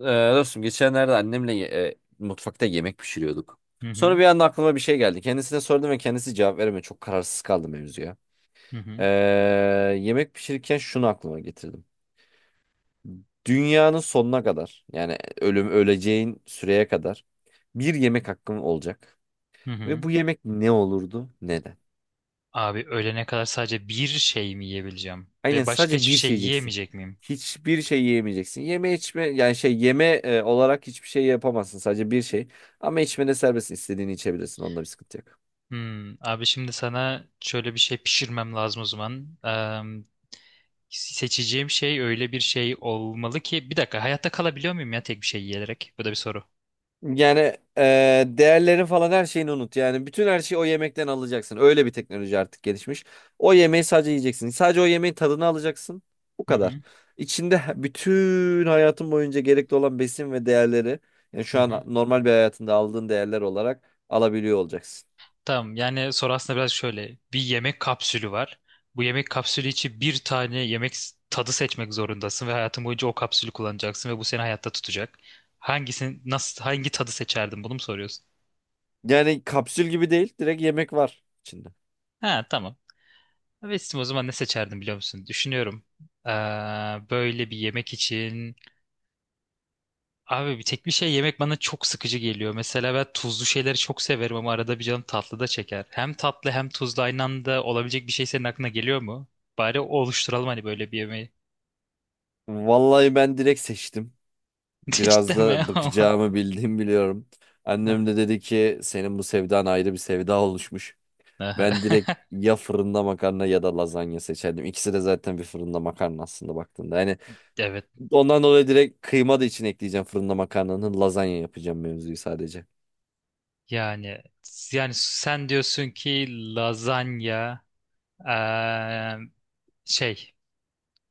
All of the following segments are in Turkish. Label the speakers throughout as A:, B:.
A: Ee, dostum geçenlerde annemle mutfakta yemek pişiriyorduk.
B: Hı
A: Sonra
B: hı.
A: bir anda aklıma bir şey geldi. Kendisine sordum ve kendisi cevap veremedi. Çok kararsız kaldım mevzuya.
B: Hı
A: Ee,
B: hı.
A: yemek pişirirken şunu aklıma getirdim. Dünyanın sonuna kadar yani ölüm öleceğin süreye kadar bir yemek hakkım olacak.
B: Hı
A: Ve
B: hı.
A: bu yemek ne olurdu? Neden?
B: Abi ölene kadar sadece bir şey mi yiyebileceğim?
A: Aynen
B: Ve başka
A: sadece
B: hiçbir
A: bir
B: şey
A: şey yiyeceksin.
B: yiyemeyecek miyim?
A: Hiçbir şey yiyemeyeceksin. Yeme içme yani şey yeme olarak hiçbir şey yapamazsın. Sadece bir şey. Ama içmede serbestsin. İstediğini içebilirsin. Onda bir sıkıntı yok.
B: Hmm, abi şimdi sana şöyle bir şey pişirmem lazım o zaman. Seçeceğim şey öyle bir şey olmalı ki bir dakika hayatta kalabiliyor muyum ya tek bir şey yiyerek? Bu da bir soru.
A: Yani değerlerin falan her şeyini unut. Yani bütün her şeyi o yemekten alacaksın. Öyle bir teknoloji artık gelişmiş. O yemeği sadece yiyeceksin. Sadece o yemeğin tadını alacaksın. Bu
B: Hı
A: kadar.
B: hı.
A: İçinde bütün hayatın boyunca gerekli olan besin ve değerleri yani
B: Hı
A: şu
B: hı.
A: an normal bir hayatında aldığın değerler olarak alabiliyor olacaksın.
B: Tamam, yani soru aslında biraz şöyle. Bir yemek kapsülü var. Bu yemek kapsülü için bir tane yemek tadı seçmek zorundasın ve hayatın boyunca o kapsülü kullanacaksın ve bu seni hayatta tutacak. Hangisini, nasıl, hangi tadı seçerdin, bunu mu soruyorsun?
A: Yani kapsül gibi değil. Direkt yemek var içinde.
B: Ha, tamam. Vestim, o zaman ne seçerdim biliyor musun? Düşünüyorum. Ee, Böyle bir yemek için, abi bir tek bir şey yemek bana çok sıkıcı geliyor. Mesela ben tuzlu şeyleri çok severim ama arada bir canım tatlı da çeker. Hem tatlı hem tuzlu aynı anda olabilecek bir şey senin aklına geliyor mu? Bari oluşturalım hani böyle bir yemeği.
A: Vallahi ben direkt seçtim. Biraz
B: Cidden mi
A: da
B: ama?
A: bakacağımı bildiğimi biliyorum. Annem de dedi ki senin bu sevdan ayrı bir sevda oluşmuş. Ben direkt ya fırında makarna ya da lazanya seçerdim. İkisi de zaten bir fırında makarna aslında baktığında. Yani
B: Evet.
A: ondan dolayı direkt kıyma da içine ekleyeceğim fırında makarnanın lazanya yapacağım mevzuyu sadece.
B: Yani yani sen diyorsun ki lazanya, eee, şey,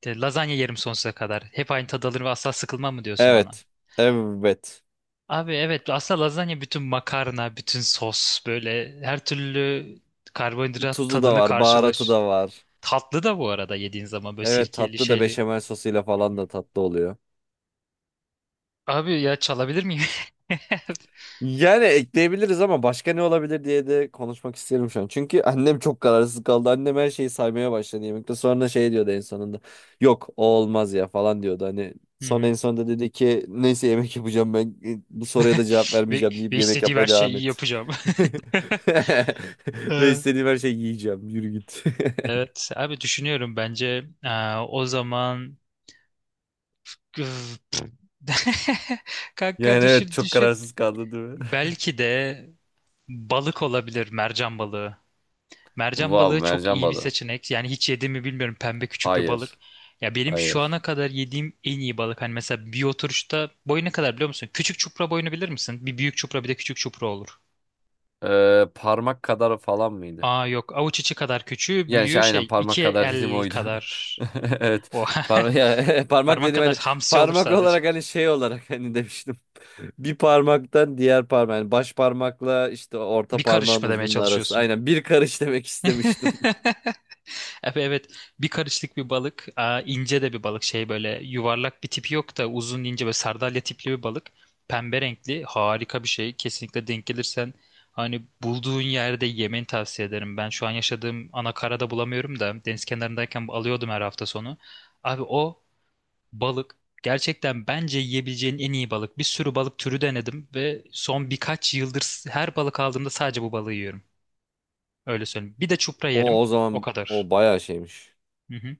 B: lazanya yerim sonsuza kadar. Hep aynı tadı alır ve asla sıkılmam mı diyorsun bana?
A: Evet. Evet.
B: Abi evet, aslında lazanya bütün makarna, bütün sos, böyle her türlü karbonhidrat
A: Tuzu da
B: tadını
A: var, baharatı
B: karşılaş.
A: da var.
B: Tatlı da bu arada, yediğin zaman böyle
A: Evet,
B: sirkeli
A: tatlı da
B: şeyli.
A: beşamel sosuyla
B: Hı hı.
A: falan da tatlı oluyor.
B: Abi ya, çalabilir miyim?
A: Yani ekleyebiliriz ama başka ne olabilir diye de konuşmak isterim şu an. Çünkü annem çok kararsız kaldı. Annem her şeyi saymaya başladı yemekte. Sonra şey diyordu en sonunda. Yok, o olmaz ya falan diyordu. Hani
B: Hı
A: son
B: hı.
A: en sonunda dedi ki neyse yemek yapacağım ben bu soruya da cevap
B: Ve,
A: vermeyeceğim deyip
B: ve
A: yemek
B: istediğim her
A: yapmaya
B: şeyi
A: devam
B: iyi
A: et.
B: yapacağım.
A: Ve
B: Ee.
A: istediğim her şeyi yiyeceğim. Yürü git.
B: Evet abi, düşünüyorum. Bence aa, o zaman üf, pf. Kanka,
A: Yani evet,
B: düşün
A: çok
B: düşün.
A: kararsız kaldı değil mi?
B: Belki de balık olabilir, mercan balığı. Mercan
A: Vav,
B: balığı çok
A: mercan
B: iyi bir
A: balığı.
B: seçenek. Yani hiç yedim mi bilmiyorum. Pembe küçük bir balık.
A: Hayır.
B: Ya benim şu
A: Hayır.
B: ana kadar yediğim en iyi balık. Hani mesela bir oturuşta boyu ne kadar biliyor musun? Küçük çupra boyunu bilir misin? Bir büyük çupra bir de küçük çupra olur.
A: Parmak kadar falan mıydı?
B: Aa yok. Avuç içi kadar küçüğü,
A: Yani şey
B: büyüğü
A: aynen
B: şey,
A: parmak
B: iki
A: kadar dedim
B: el
A: oydu.
B: kadar.
A: Evet.
B: O
A: Parmak parmak
B: parmak
A: dedim
B: kadar
A: hani
B: hamsi olur
A: parmak
B: sadece.
A: olarak hani şey olarak hani demiştim. Bir parmaktan diğer parmak yani baş parmakla işte orta
B: Bir karış
A: parmağın
B: mı demeye
A: uzunluğu arası.
B: çalışıyorsun?
A: Aynen bir karış demek istemiştim.
B: Evet, bir karışlık bir balık. Aa, ince de bir balık, şey böyle yuvarlak bir tipi yok da, uzun ince, böyle sardalya tipli bir balık, pembe renkli, harika bir şey. Kesinlikle denk gelirsen, hani bulduğun yerde yemeni tavsiye ederim. Ben şu an yaşadığım anakarada bulamıyorum da, deniz kenarındayken alıyordum her hafta sonu. Abi o balık, gerçekten bence yiyebileceğin en iyi balık. Bir sürü balık türü denedim ve son birkaç yıldır her balık aldığımda sadece bu balığı yiyorum, öyle söyleyeyim. Bir de çupra yerim
A: O o
B: o
A: zaman
B: kadar.
A: o bayağı şeymiş.
B: Hı hı.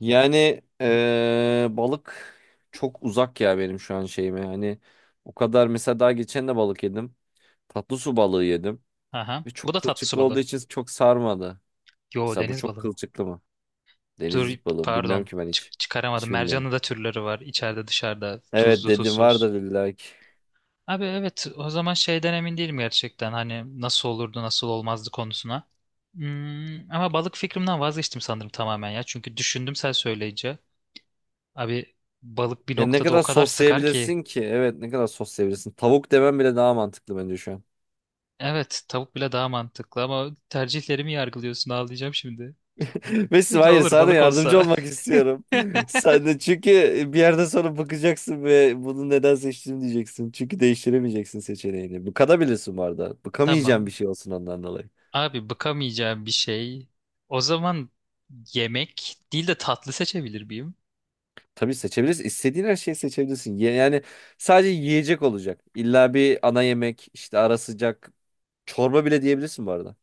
A: Yani balık çok uzak ya benim şu an şeyime. Yani o kadar mesela daha geçen de balık yedim. Tatlı su balığı yedim.
B: Aha.
A: Ve
B: Bu
A: çok
B: da tatlı su
A: kılçıklı olduğu
B: balığı.
A: için çok sarmadı.
B: Yo,
A: Mesela bu
B: deniz
A: çok
B: balığı mı?
A: kılçıklı mı?
B: Dur,
A: Deniz balığı. Bilmiyorum
B: pardon.
A: ki ben hiç.
B: Çıkaramadım.
A: Hiç bilmiyorum.
B: Mercanın da türleri var. İçeride, dışarıda.
A: Evet,
B: Tuzlu,
A: dedim
B: tuzsuz.
A: vardır illaki.
B: Abi evet, o zaman şeyden emin değilim gerçekten. Hani nasıl olurdu nasıl olmazdı konusuna. Hmm, ama balık fikrimden vazgeçtim sanırım tamamen ya. Çünkü düşündüm sen söyleyince. Abi, balık bir
A: Ya ne
B: noktada o
A: kadar
B: kadar sıkar ki.
A: soslayabilirsin ki? Evet, ne kadar soslayabilirsin? Tavuk demem bile daha mantıklı bence şu an.
B: Evet, tavuk bile daha mantıklı, ama tercihlerimi yargılıyorsun, ağlayacağım şimdi.
A: Mesut,
B: Ne
A: hayır,
B: olur
A: sana
B: balık
A: yardımcı
B: olsa.
A: olmak istiyorum. Sen de çünkü bir yerden sonra bakacaksın ve bunu neden seçtim diyeceksin. Çünkü değiştiremeyeceksin seçeneğini. Bıkabilirsin bu arada. Bıkamayacağın
B: Tamam.
A: bir şey olsun ondan dolayı.
B: Abi, bıkamayacağım bir şey. O zaman yemek değil de tatlı seçebilir miyim?
A: Tabii seçebilirsin. İstediğin her şeyi seçebilirsin. Yani sadece yiyecek olacak. İlla bir ana yemek, işte ara sıcak. Çorba bile diyebilirsin bu arada.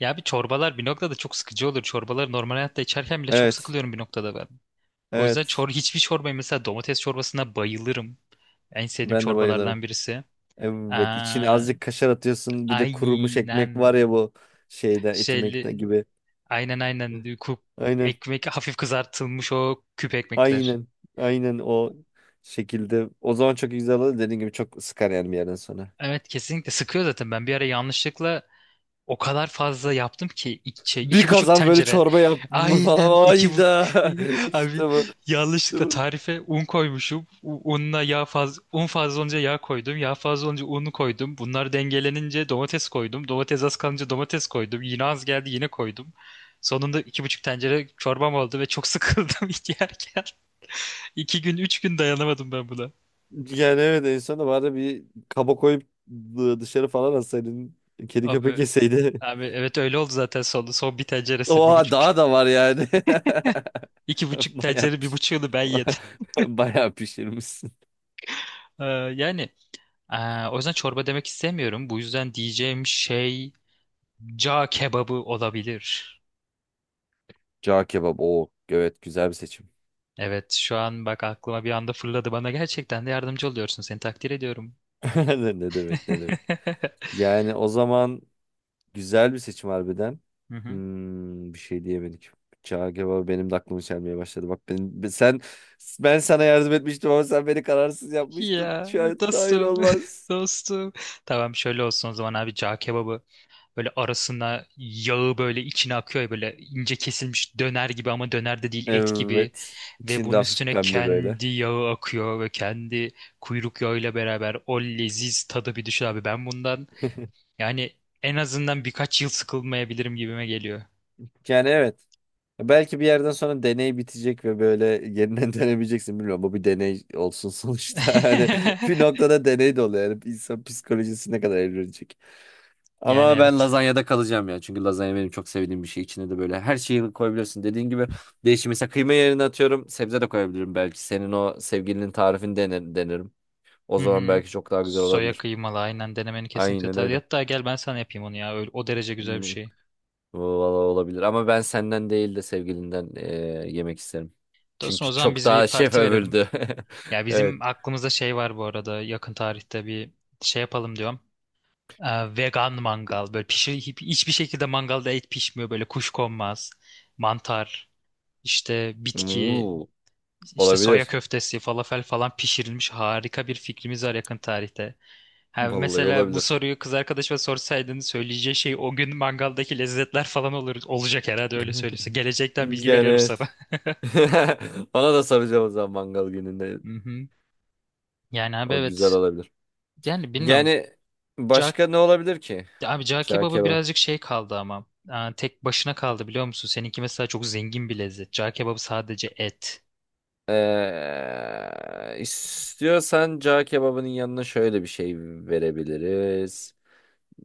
B: Ya bir, çorbalar bir noktada çok sıkıcı olur. Çorbaları normal hayatta içerken bile çok
A: Evet.
B: sıkılıyorum bir noktada ben. O yüzden
A: Evet.
B: hiçbir çorbayı, mesela domates çorbasına bayılırım. En sevdiğim
A: Ben de bayılırım.
B: çorbalardan birisi.
A: Evet, içine
B: Aa,
A: azıcık kaşar atıyorsun. Bir de kurumuş
B: aynen,
A: ekmek var ya, bu şeyde, etimekte
B: şeyli,
A: gibi.
B: aynen, ku-
A: Aynen.
B: ekmek hafif kızartılmış, o küp ekmekler.
A: Aynen. Aynen o şekilde. O zaman çok güzel olur. Dediğim gibi çok sıkar yani bir yerden sonra.
B: Evet, kesinlikle sıkıyor zaten. Ben bir ara yanlışlıkla o kadar fazla yaptım ki, iki, şey,
A: Bir
B: iki buçuk
A: kazan böyle
B: tencere.
A: çorba yaptım mı
B: Aynen
A: falan.
B: iki bu
A: Ayda.
B: abi,
A: İşte bu. İşte
B: yanlışlıkla
A: bu.
B: tarife un koymuşum. Unla yağ fazla, un fazla olunca yağ koydum. Yağ fazla olunca unu koydum. Bunlar dengelenince domates koydum. Domates az kalınca domates koydum. Yine az geldi, yine koydum. Sonunda iki buçuk tencere çorbam oldu ve çok sıkıldım yerken. İki gün, üç gün dayanamadım ben buna.
A: Yani evet, en sonunda bari bir kaba koyup dışarı falan atsaydın. Kedi köpek
B: Abi
A: yeseydi.
B: abi evet, öyle oldu zaten. Sonunda son bir tenceresi, bir
A: Oha,
B: buçuk,
A: daha da var yani.
B: iki buçuk
A: Bayağı
B: tencere, bir
A: piş...
B: buçuğunu ben yedim.
A: Bayağı pişirmişsin.
B: Ee, Yani, o yüzden çorba demek istemiyorum. Bu yüzden diyeceğim şey, ca kebabı olabilir.
A: Cağ kebap. Oo, evet, güzel bir seçim.
B: Evet, şu an bak, aklıma bir anda fırladı. Bana gerçekten de yardımcı oluyorsun. Seni takdir ediyorum.
A: Ne demek, ne demek. Yani o zaman güzel bir seçim harbiden.
B: Hı hı.
A: Hmm, bir şey diyemedik. Cağ kebabı benim de aklımı çelmeye başladı. Bak ben, sen, ben sana yardım etmiştim ama sen beni kararsız yapmıştın.
B: Ya
A: Şu an hayır,
B: dostum,
A: olmaz.
B: dostum. Tamam, şöyle olsun o zaman abi. Cağ kebabı, böyle arasına yağı, böyle içine akıyor ya, böyle ince kesilmiş döner gibi ama döner de değil, et gibi.
A: Evet.
B: Ve
A: İçinde
B: bunun
A: hafif
B: üstüne
A: pembe böyle.
B: kendi yağı akıyor ve kendi kuyruk yağıyla beraber o leziz tadı bir düşün abi. Ben bundan, yani en azından birkaç yıl sıkılmayabilirim gibime geliyor.
A: Yani evet. Belki bir yerden sonra deney bitecek ve böyle yeniden denemeyeceksin, bilmiyorum. Bu bir deney olsun sonuçta. Hani bir noktada deney de oluyor. Yani insan psikolojisi ne kadar evrilecek.
B: Yani
A: Ama ben
B: evet.
A: lazanyada kalacağım ya. Çünkü lazanya benim çok sevdiğim bir şey. İçine de böyle her şeyi koyabiliyorsun. Dediğin gibi değişim. Mesela kıyma yerine atıyorum. Sebze de koyabilirim belki. Senin o sevgilinin tarifini denerim. O
B: Hı
A: zaman
B: hı.
A: belki çok daha güzel
B: Soya
A: olabilir.
B: kıymalı, aynen denemeni kesinlikle
A: Aynen
B: tabii.
A: öyle.
B: Hatta gel ben sana yapayım onu ya. Öyle, o derece güzel bir
A: Hmm.
B: şey.
A: Valla olabilir ama ben senden değil de sevgilinden yemek isterim.
B: Dostum, o
A: Çünkü
B: zaman
A: çok
B: biz bir
A: daha şef
B: parti verelim.
A: övüldü.
B: Ya
A: Evet.
B: bizim aklımızda şey var bu arada, yakın tarihte bir şey yapalım diyorum. Vegan mangal, böyle pişir, hiçbir şekilde mangalda et pişmiyor, böyle kuş konmaz. Mantar, işte bitki,
A: Hmm,
B: işte soya
A: olabilir.
B: köftesi, falafel falan pişirilmiş, harika bir fikrimiz var yakın tarihte. Ha,
A: Vallahi
B: mesela bu
A: olabilir.
B: soruyu kız arkadaşıma sorsaydın, söyleyeceği şey o gün mangaldaki lezzetler falan olur, olacak herhalde öyle söylüyorsa. Gelecekten bilgi
A: Yani
B: veriyorum sana.
A: evet. Ona da soracağım o zaman mangal gününde.
B: Hı hı. Yani abi
A: O güzel
B: evet.
A: olabilir.
B: Yani bilmiyorum.
A: Yani başka ne olabilir ki?
B: Ya abi, cağ
A: Cağ
B: kebabı
A: kebabı.
B: birazcık şey kaldı ama. Aa, tek başına kaldı biliyor musun? Seninki mesela çok zengin bir lezzet. Cağ kebabı sadece et.
A: İstiyorsan cağ kebabının yanına şöyle bir şey verebiliriz.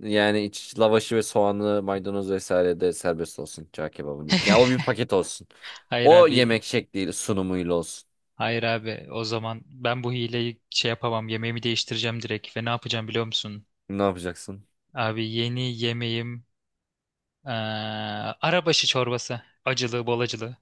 A: Yani iç lavaşı ve soğanlı maydanoz vesaire de serbest olsun çağ kebabının için. Ya o bir paket olsun.
B: Hayır
A: O
B: abi.
A: yemek şekliyle, sunumuyla olsun.
B: Hayır abi. O zaman ben bu hileyi şey yapamam. Yemeğimi değiştireceğim direkt. Ve ne yapacağım biliyor musun?
A: Ne yapacaksın?
B: Abi yeni yemeğim eee arabaşı çorbası. Acılı, bol acılı.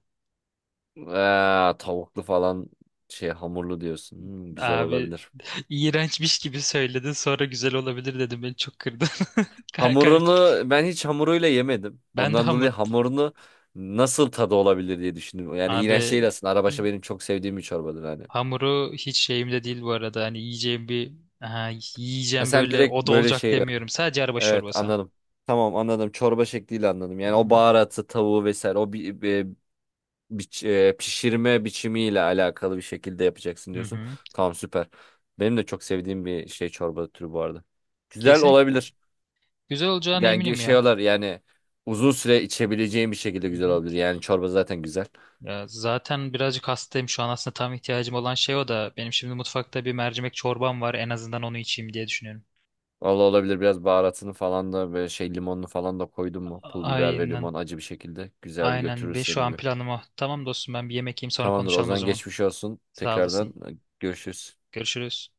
A: Tavuklu falan şey, hamurlu diyorsun. Hmm, güzel
B: Abi
A: olabilir.
B: iğrençmiş gibi söyledin. Sonra güzel olabilir dedim. Beni çok kırdın. Kay kay.
A: Hamurunu ben hiç hamuruyla yemedim.
B: Ben de
A: Ondan dolayı
B: hamur...
A: hamurunu nasıl, tadı olabilir diye düşündüm. Yani iğrenç değil
B: Abi,
A: aslında. Arabaşı benim çok sevdiğim bir çorbadır hani.
B: hamuru hiç şeyimde değil bu arada. Hani yiyeceğim bir, aha,
A: Ha,
B: yiyeceğim
A: sen
B: böyle
A: direkt
B: o da
A: böyle
B: olacak
A: şey.
B: demiyorum. Sadece arabaşı
A: Evet,
B: çorbası.
A: anladım. Tamam, anladım. Çorba şekliyle anladım. Yani
B: Hı
A: o
B: hı.
A: baharatı, tavuğu vesaire o bir, pişirme biçimiyle alakalı bir şekilde yapacaksın
B: Hı
A: diyorsun.
B: hı.
A: Tamam, süper. Benim de çok sevdiğim bir şey çorba türü bu arada. Güzel
B: Kesinlikle
A: olabilir.
B: güzel olacağına
A: Yani
B: eminim
A: şey
B: ya.
A: olur yani uzun süre içebileceğim bir şekilde
B: Hı
A: güzel
B: hı.
A: olabilir. Yani çorba zaten güzel.
B: Ya zaten birazcık hastayım şu an, aslında tam ihtiyacım olan şey o da. Benim şimdi mutfakta bir mercimek çorbam var. En azından onu içeyim diye düşünüyorum.
A: Valla olabilir, biraz baharatını falan da böyle şey, limonunu falan da koydun mu? Pul biber ve
B: Aynen.
A: limon acı bir şekilde güzel bir
B: Aynen.
A: götürür
B: Ve şu
A: seni
B: an
A: gibi.
B: planım o. Tamam dostum, ben bir yemek yiyeyim, sonra
A: Tamamdır o
B: konuşalım o
A: zaman,
B: zaman.
A: geçmiş olsun.
B: Sağ
A: Tekrardan
B: olasın.
A: görüşürüz.
B: Görüşürüz.